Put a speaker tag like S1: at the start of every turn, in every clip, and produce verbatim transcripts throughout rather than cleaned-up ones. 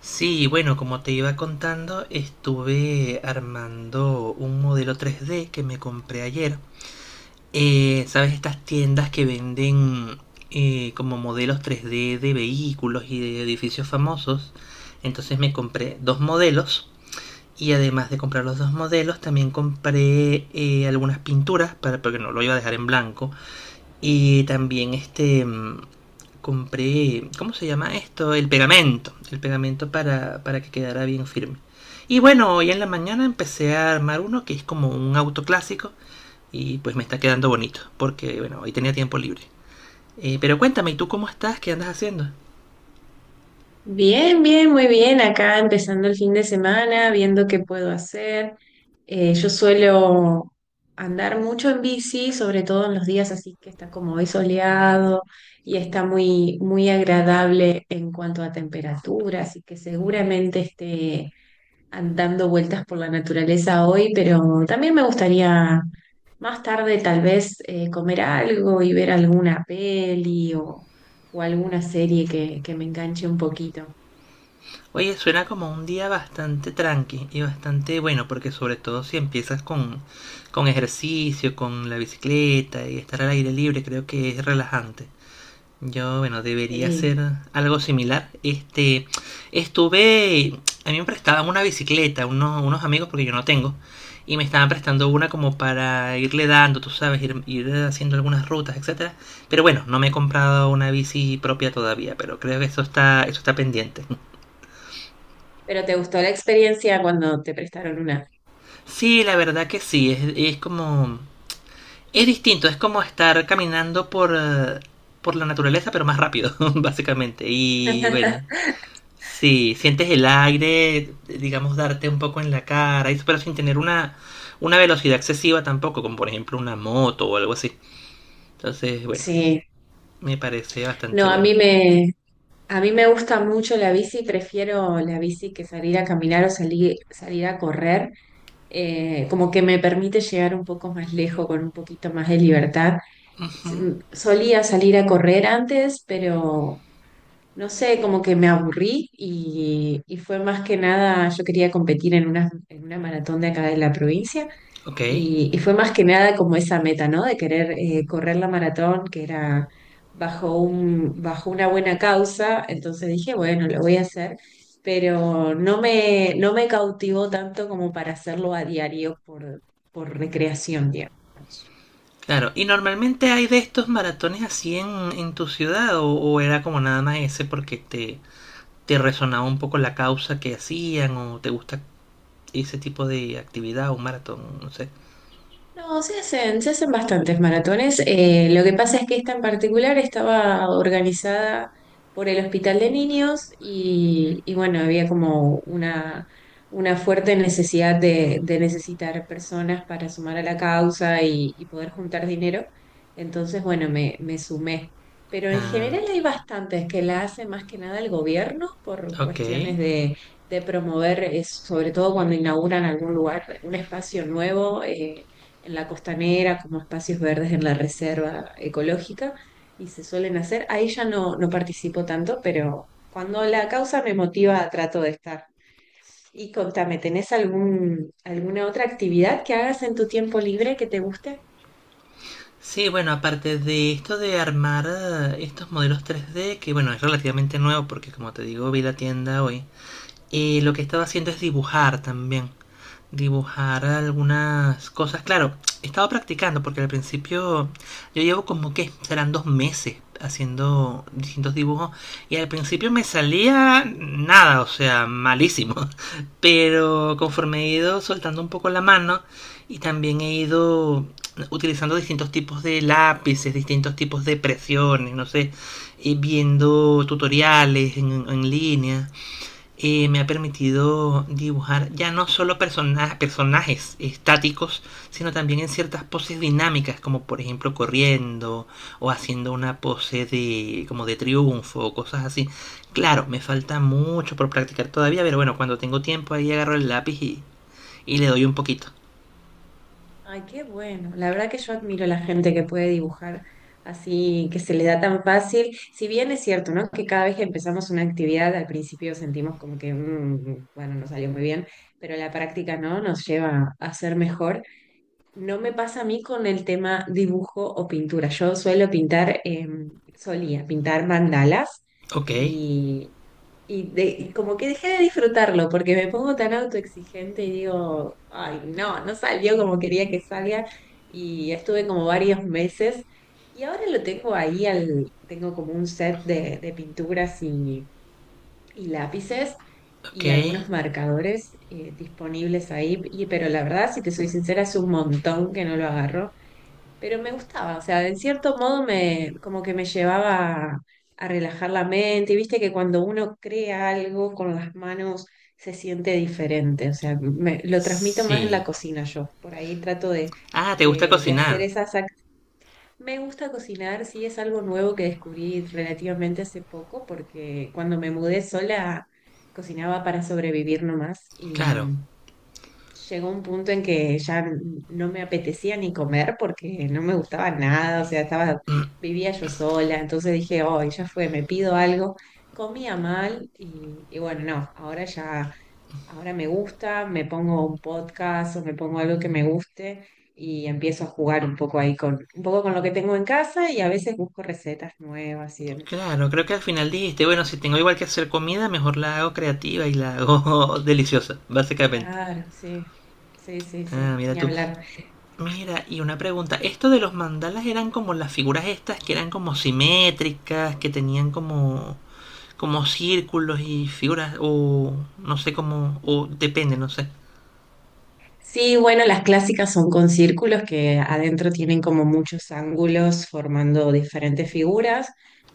S1: Sí, bueno, como te iba contando, estuve armando un modelo tres D que me compré ayer. Eh, ¿sabes? Estas tiendas que venden eh, como modelos tres D de vehículos y de edificios famosos. Entonces me compré dos modelos y además de comprar los dos modelos, también compré eh, algunas pinturas para, porque no lo iba a dejar en blanco. Y también este, mm, compré, ¿cómo se llama esto? El pegamento, el pegamento para, para, que quedara bien firme. Y bueno, hoy en la mañana empecé a armar uno que es como un auto clásico y pues me está quedando bonito, porque bueno, hoy tenía tiempo libre. Eh, pero cuéntame, ¿y tú cómo estás? ¿Qué andas haciendo?
S2: Bien, bien, muy bien. Acá empezando el fin de semana, viendo qué puedo hacer. Eh, yo suelo andar mucho en bici, sobre todo en los días así que está como hoy soleado y está muy, muy agradable en cuanto a temperatura, así que seguramente esté andando vueltas por la naturaleza hoy, pero también me gustaría más tarde tal vez eh, comer algo y ver alguna peli o, o alguna serie que, que me enganche un poquito.
S1: Oye, suena como un día bastante tranqui y bastante bueno, porque sobre todo si empiezas con, con, ejercicio, con la bicicleta y estar al aire libre, creo que es relajante. Yo, bueno, debería
S2: Sí.
S1: ser algo similar. Este, estuve, a mí me prestaban una bicicleta, unos, unos amigos, porque yo no tengo, y me estaban prestando una como para irle dando, tú sabes, ir, ir, haciendo algunas rutas, etcétera. Pero bueno, no me he comprado una bici propia todavía, pero creo que eso está, eso está pendiente.
S2: Pero ¿te gustó la experiencia cuando te prestaron una?
S1: Sí, la verdad que sí, es, es como, es distinto, es como estar caminando por, eh, por la naturaleza, pero más rápido, básicamente. Y bueno, sí, sientes el aire, digamos, darte un poco en la cara, y- pero sin tener una, una, velocidad excesiva tampoco, como por ejemplo una moto o algo así. Entonces, bueno,
S2: Sí.
S1: me parece bastante
S2: No, a
S1: bueno.
S2: mí me, a mí me gusta mucho la bici, prefiero la bici que salir a caminar o salir, salir a correr. Eh, como que me permite llegar un poco más lejos con un poquito más de libertad. S-
S1: Ujú.
S2: Solía salir a correr antes, pero no sé, como que me aburrí y, y fue más que nada, yo quería competir en una, en una maratón de acá de la provincia.
S1: Ok,
S2: Y, y fue más que nada como esa meta, ¿no? De querer eh, correr la maratón, que era bajo un, bajo una buena causa. Entonces dije, bueno, lo voy a hacer, pero no me, no me cautivó tanto como para hacerlo a diario por, por recreación, digamos.
S1: claro. ¿Y normalmente hay de estos maratones así en, en, tu ciudad o, o era como nada más ese porque te, te resonaba un poco la causa que hacían o te gusta ese tipo de actividad o un maratón? No sé.
S2: No, se hacen, se hacen bastantes maratones. Eh, lo que pasa es que esta en particular estaba organizada por el Hospital de Niños y, y bueno, había como una, una fuerte necesidad de, de necesitar personas para sumar a la causa y, y poder juntar dinero. Entonces, bueno, me, me sumé. Pero en
S1: Ah,
S2: general hay bastantes que la hace más que nada el gobierno por
S1: ok.
S2: cuestiones de, de promover, es, sobre todo cuando inauguran algún lugar, un espacio nuevo. Eh, en la costanera, como espacios verdes en la reserva ecológica, y se suelen hacer. Ahí ya no, no participo tanto, pero cuando la causa me motiva, trato de estar. Y contame, ¿tenés algún, alguna otra actividad que hagas en tu tiempo libre que te guste?
S1: Sí, bueno, aparte de esto de armar eh, estos modelos tres D, que bueno, es relativamente nuevo porque como te digo, vi la tienda hoy, eh, lo que he estado haciendo es dibujar también dibujar algunas cosas. Claro, he estado practicando porque al principio yo llevo como que serán dos meses haciendo distintos dibujos y al principio me salía nada, o sea, malísimo. Pero conforme he ido soltando un poco la mano y también he ido utilizando distintos tipos de lápices, distintos tipos de presiones, no sé, y viendo tutoriales en, en, línea eh, me ha permitido dibujar ya no solo persona personajes estáticos, sino también en ciertas poses dinámicas, como por ejemplo corriendo o haciendo una pose de como de triunfo o cosas así. Claro, me falta mucho por practicar todavía, pero bueno, cuando tengo tiempo ahí agarro el lápiz y, y le doy un poquito.
S2: Ay, qué bueno. La verdad que yo admiro a la gente que puede dibujar así, que se le da tan fácil. Si bien es cierto, ¿no? Que cada vez que empezamos una actividad, al principio sentimos como que, mm, mm, mm, bueno, no salió muy bien, pero la práctica, ¿no? Nos lleva a ser mejor. No me pasa a mí con el tema dibujo o pintura. Yo suelo pintar, eh, solía pintar mandalas
S1: Ok,
S2: y, y de- y como que dejé de disfrutarlo porque me pongo tan autoexigente y digo, ay, no, no salió como quería que salga y estuve como varios meses y ahora lo tengo ahí, al, tengo como un set de, de pinturas y y lápices
S1: ok,
S2: y algunos marcadores eh, disponibles ahí, y, pero la verdad, si te soy sincera, es un montón que no lo agarro, pero me gustaba, o sea, en cierto modo me, como que me llevaba a relajar la mente, y viste que cuando uno crea algo con las manos se siente diferente, o sea, me- lo transmito más en la
S1: sí.
S2: cocina yo, por ahí trato de,
S1: Ah, ¿te gusta
S2: de, de hacer
S1: cocinar?
S2: esas me gusta cocinar, sí es algo nuevo que descubrí relativamente hace poco, porque cuando me mudé sola cocinaba para sobrevivir nomás y
S1: Claro.
S2: mm, llegó un punto en que ya n- no me apetecía ni comer porque no me gustaba nada, o sea, estaba, vivía yo sola, entonces dije, oh, ya fue, me pido algo. Comía mal y, y bueno, no, ahora ya ahora me gusta, me pongo un podcast o me pongo algo que me guste y empiezo a jugar un poco ahí con, un poco con lo que tengo en casa y a veces busco recetas nuevas y demás.
S1: Claro, creo que al final dijiste, bueno, si tengo igual que hacer comida, mejor la hago creativa y la hago deliciosa, básicamente.
S2: Claro, sí, sí, sí,
S1: Ah,
S2: sí,
S1: mira
S2: ni
S1: tú.
S2: hablar.
S1: Mira, y una pregunta, ¿esto de los mandalas eran como las figuras estas que eran como simétricas, que tenían como como círculos y figuras o no sé cómo o depende, no sé.
S2: Sí, bueno, las clásicas son con círculos que adentro tienen como muchos ángulos formando diferentes figuras.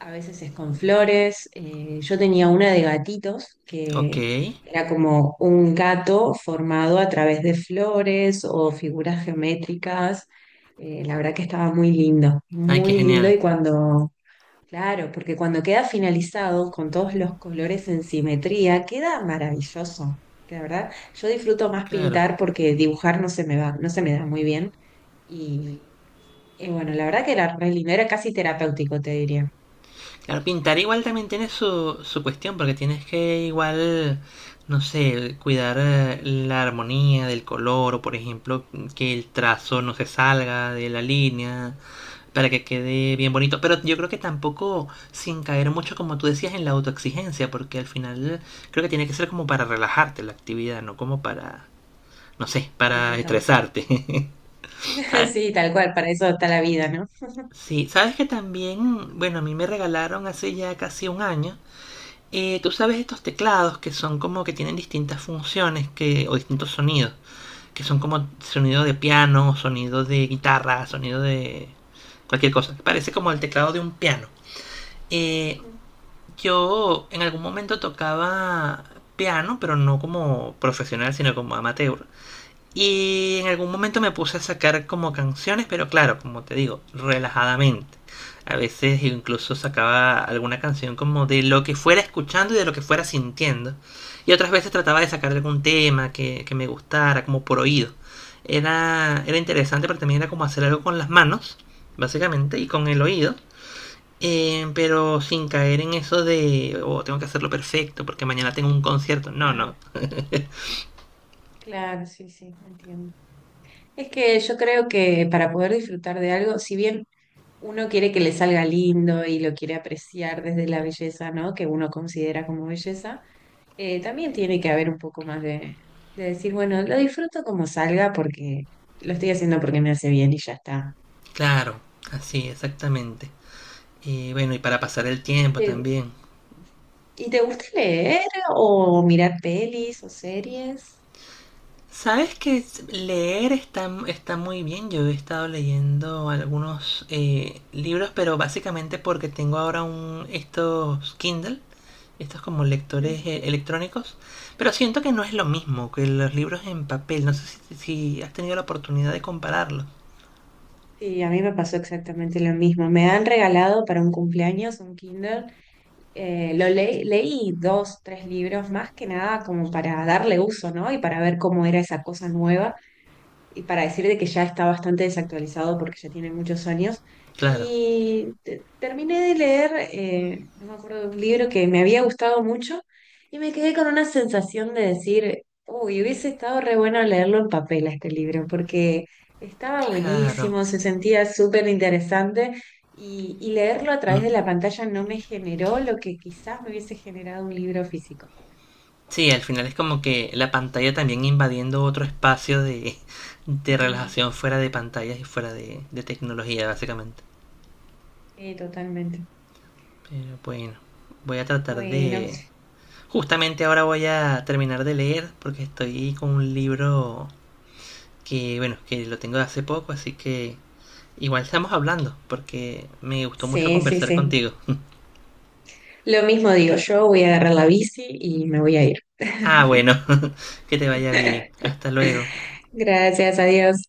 S2: A veces es con flores. Eh, yo tenía una de gatitos
S1: Ok.
S2: que era como un gato formado a través de flores o figuras geométricas. Eh, la verdad que estaba muy lindo,
S1: Ay, qué
S2: muy lindo
S1: genial.
S2: y cuando... Claro, porque cuando queda finalizado con todos los colores en simetría, queda maravilloso. La verdad, yo disfruto más
S1: Claro.
S2: pintar porque dibujar no se me va, no se me da muy bien. Y, y bueno, la verdad que era re lindo, era casi terapéutico, te diría.
S1: Claro, pintar igual también tiene su, su cuestión, porque tienes que igual, no sé, cuidar eh, la armonía del color, o por ejemplo, que el trazo no se salga de la línea, para que quede bien bonito. Pero yo creo que tampoco sin caer mucho, como tú decías, en la autoexigencia, porque al final creo que tiene que ser como para relajarte la actividad, no como para, no sé,
S2: Eh,
S1: para
S2: total.
S1: estresarte. ¿Sabes?
S2: Sí, tal cual, para eso está la vida, ¿no?
S1: Sí, sabes que también, bueno, a mí me regalaron hace ya casi un año. Eh, Tú sabes estos teclados que son como que tienen distintas funciones que, o distintos sonidos, que son como sonido de piano, sonido de guitarra, sonido de cualquier cosa. Parece como el
S2: Ujú,
S1: teclado de un piano. Eh,
S2: ujú.
S1: yo en algún momento tocaba piano, pero no como profesional, sino como amateur. Y en algún momento me puse a sacar como canciones, pero claro, como te digo, relajadamente. A veces incluso sacaba alguna canción como de lo que fuera escuchando y de lo que fuera sintiendo. Y otras veces trataba de sacar algún tema que, que me gustara, como por oído. Era, era, interesante, pero también era como hacer algo con las manos, básicamente, y con el oído. Eh, pero sin caer en eso de, oh, tengo que hacerlo perfecto porque mañana tengo un concierto. No, no.
S2: Claro, claro, sí, sí, entiendo. Es que yo creo que para poder disfrutar de algo, si bien uno quiere que le salga lindo y lo quiere apreciar desde la belleza, ¿no? Que uno considera como belleza, eh, también tiene que haber un poco más de, de decir, bueno, lo disfruto como salga porque lo estoy haciendo porque me hace bien y ya está.
S1: Claro, así, exactamente. Y bueno, y para pasar el
S2: ¿Y
S1: tiempo
S2: te,
S1: también.
S2: y te gusta leer o mirar pelis o series?
S1: ¿Sabes que leer está, está, muy bien? Yo he estado leyendo algunos eh, libros, pero básicamente porque tengo ahora un, estos Kindle, estos como lectores eh,
S2: Ujú.
S1: electrónicos, pero siento que no es lo mismo que los libros en papel. No sé si, si, has tenido la oportunidad de compararlo.
S2: Sí, a mí me pasó exactamente lo mismo. Me han regalado para un cumpleaños un Kinder eh, lo le- leí dos, tres libros más que nada como para darle uso, ¿no? Y para ver cómo era esa cosa nueva y para decir de que ya está bastante desactualizado porque ya tiene muchos años.
S1: Claro,
S2: Y te- terminé de leer, eh, no me acuerdo de un libro que me había gustado mucho y me quedé con una sensación de decir, uy, hubiese estado re bueno leerlo en papel a este libro porque estaba
S1: claro.
S2: buenísimo, se sentía súper interesante. Y, y leerlo a través
S1: Mm.
S2: de la pantalla no me generó lo que quizás me hubiese generado un libro físico.
S1: Sí, al final es como que la pantalla también invadiendo otro espacio de, de
S2: Mm,
S1: relajación fuera de pantallas y fuera de, de tecnología, básicamente.
S2: sí, totalmente.
S1: Pero bueno, voy a tratar
S2: Bueno,
S1: de... Justamente ahora voy a terminar de leer porque estoy con un libro que, bueno, que lo tengo de hace poco, así que igual estamos hablando porque me gustó mucho
S2: sí, sí,
S1: conversar
S2: sí.
S1: contigo.
S2: Lo mismo digo, yo voy a agarrar la bici y me voy a ir.
S1: Ah, bueno, que te vaya bien. Hasta luego.
S2: Gracias, adiós.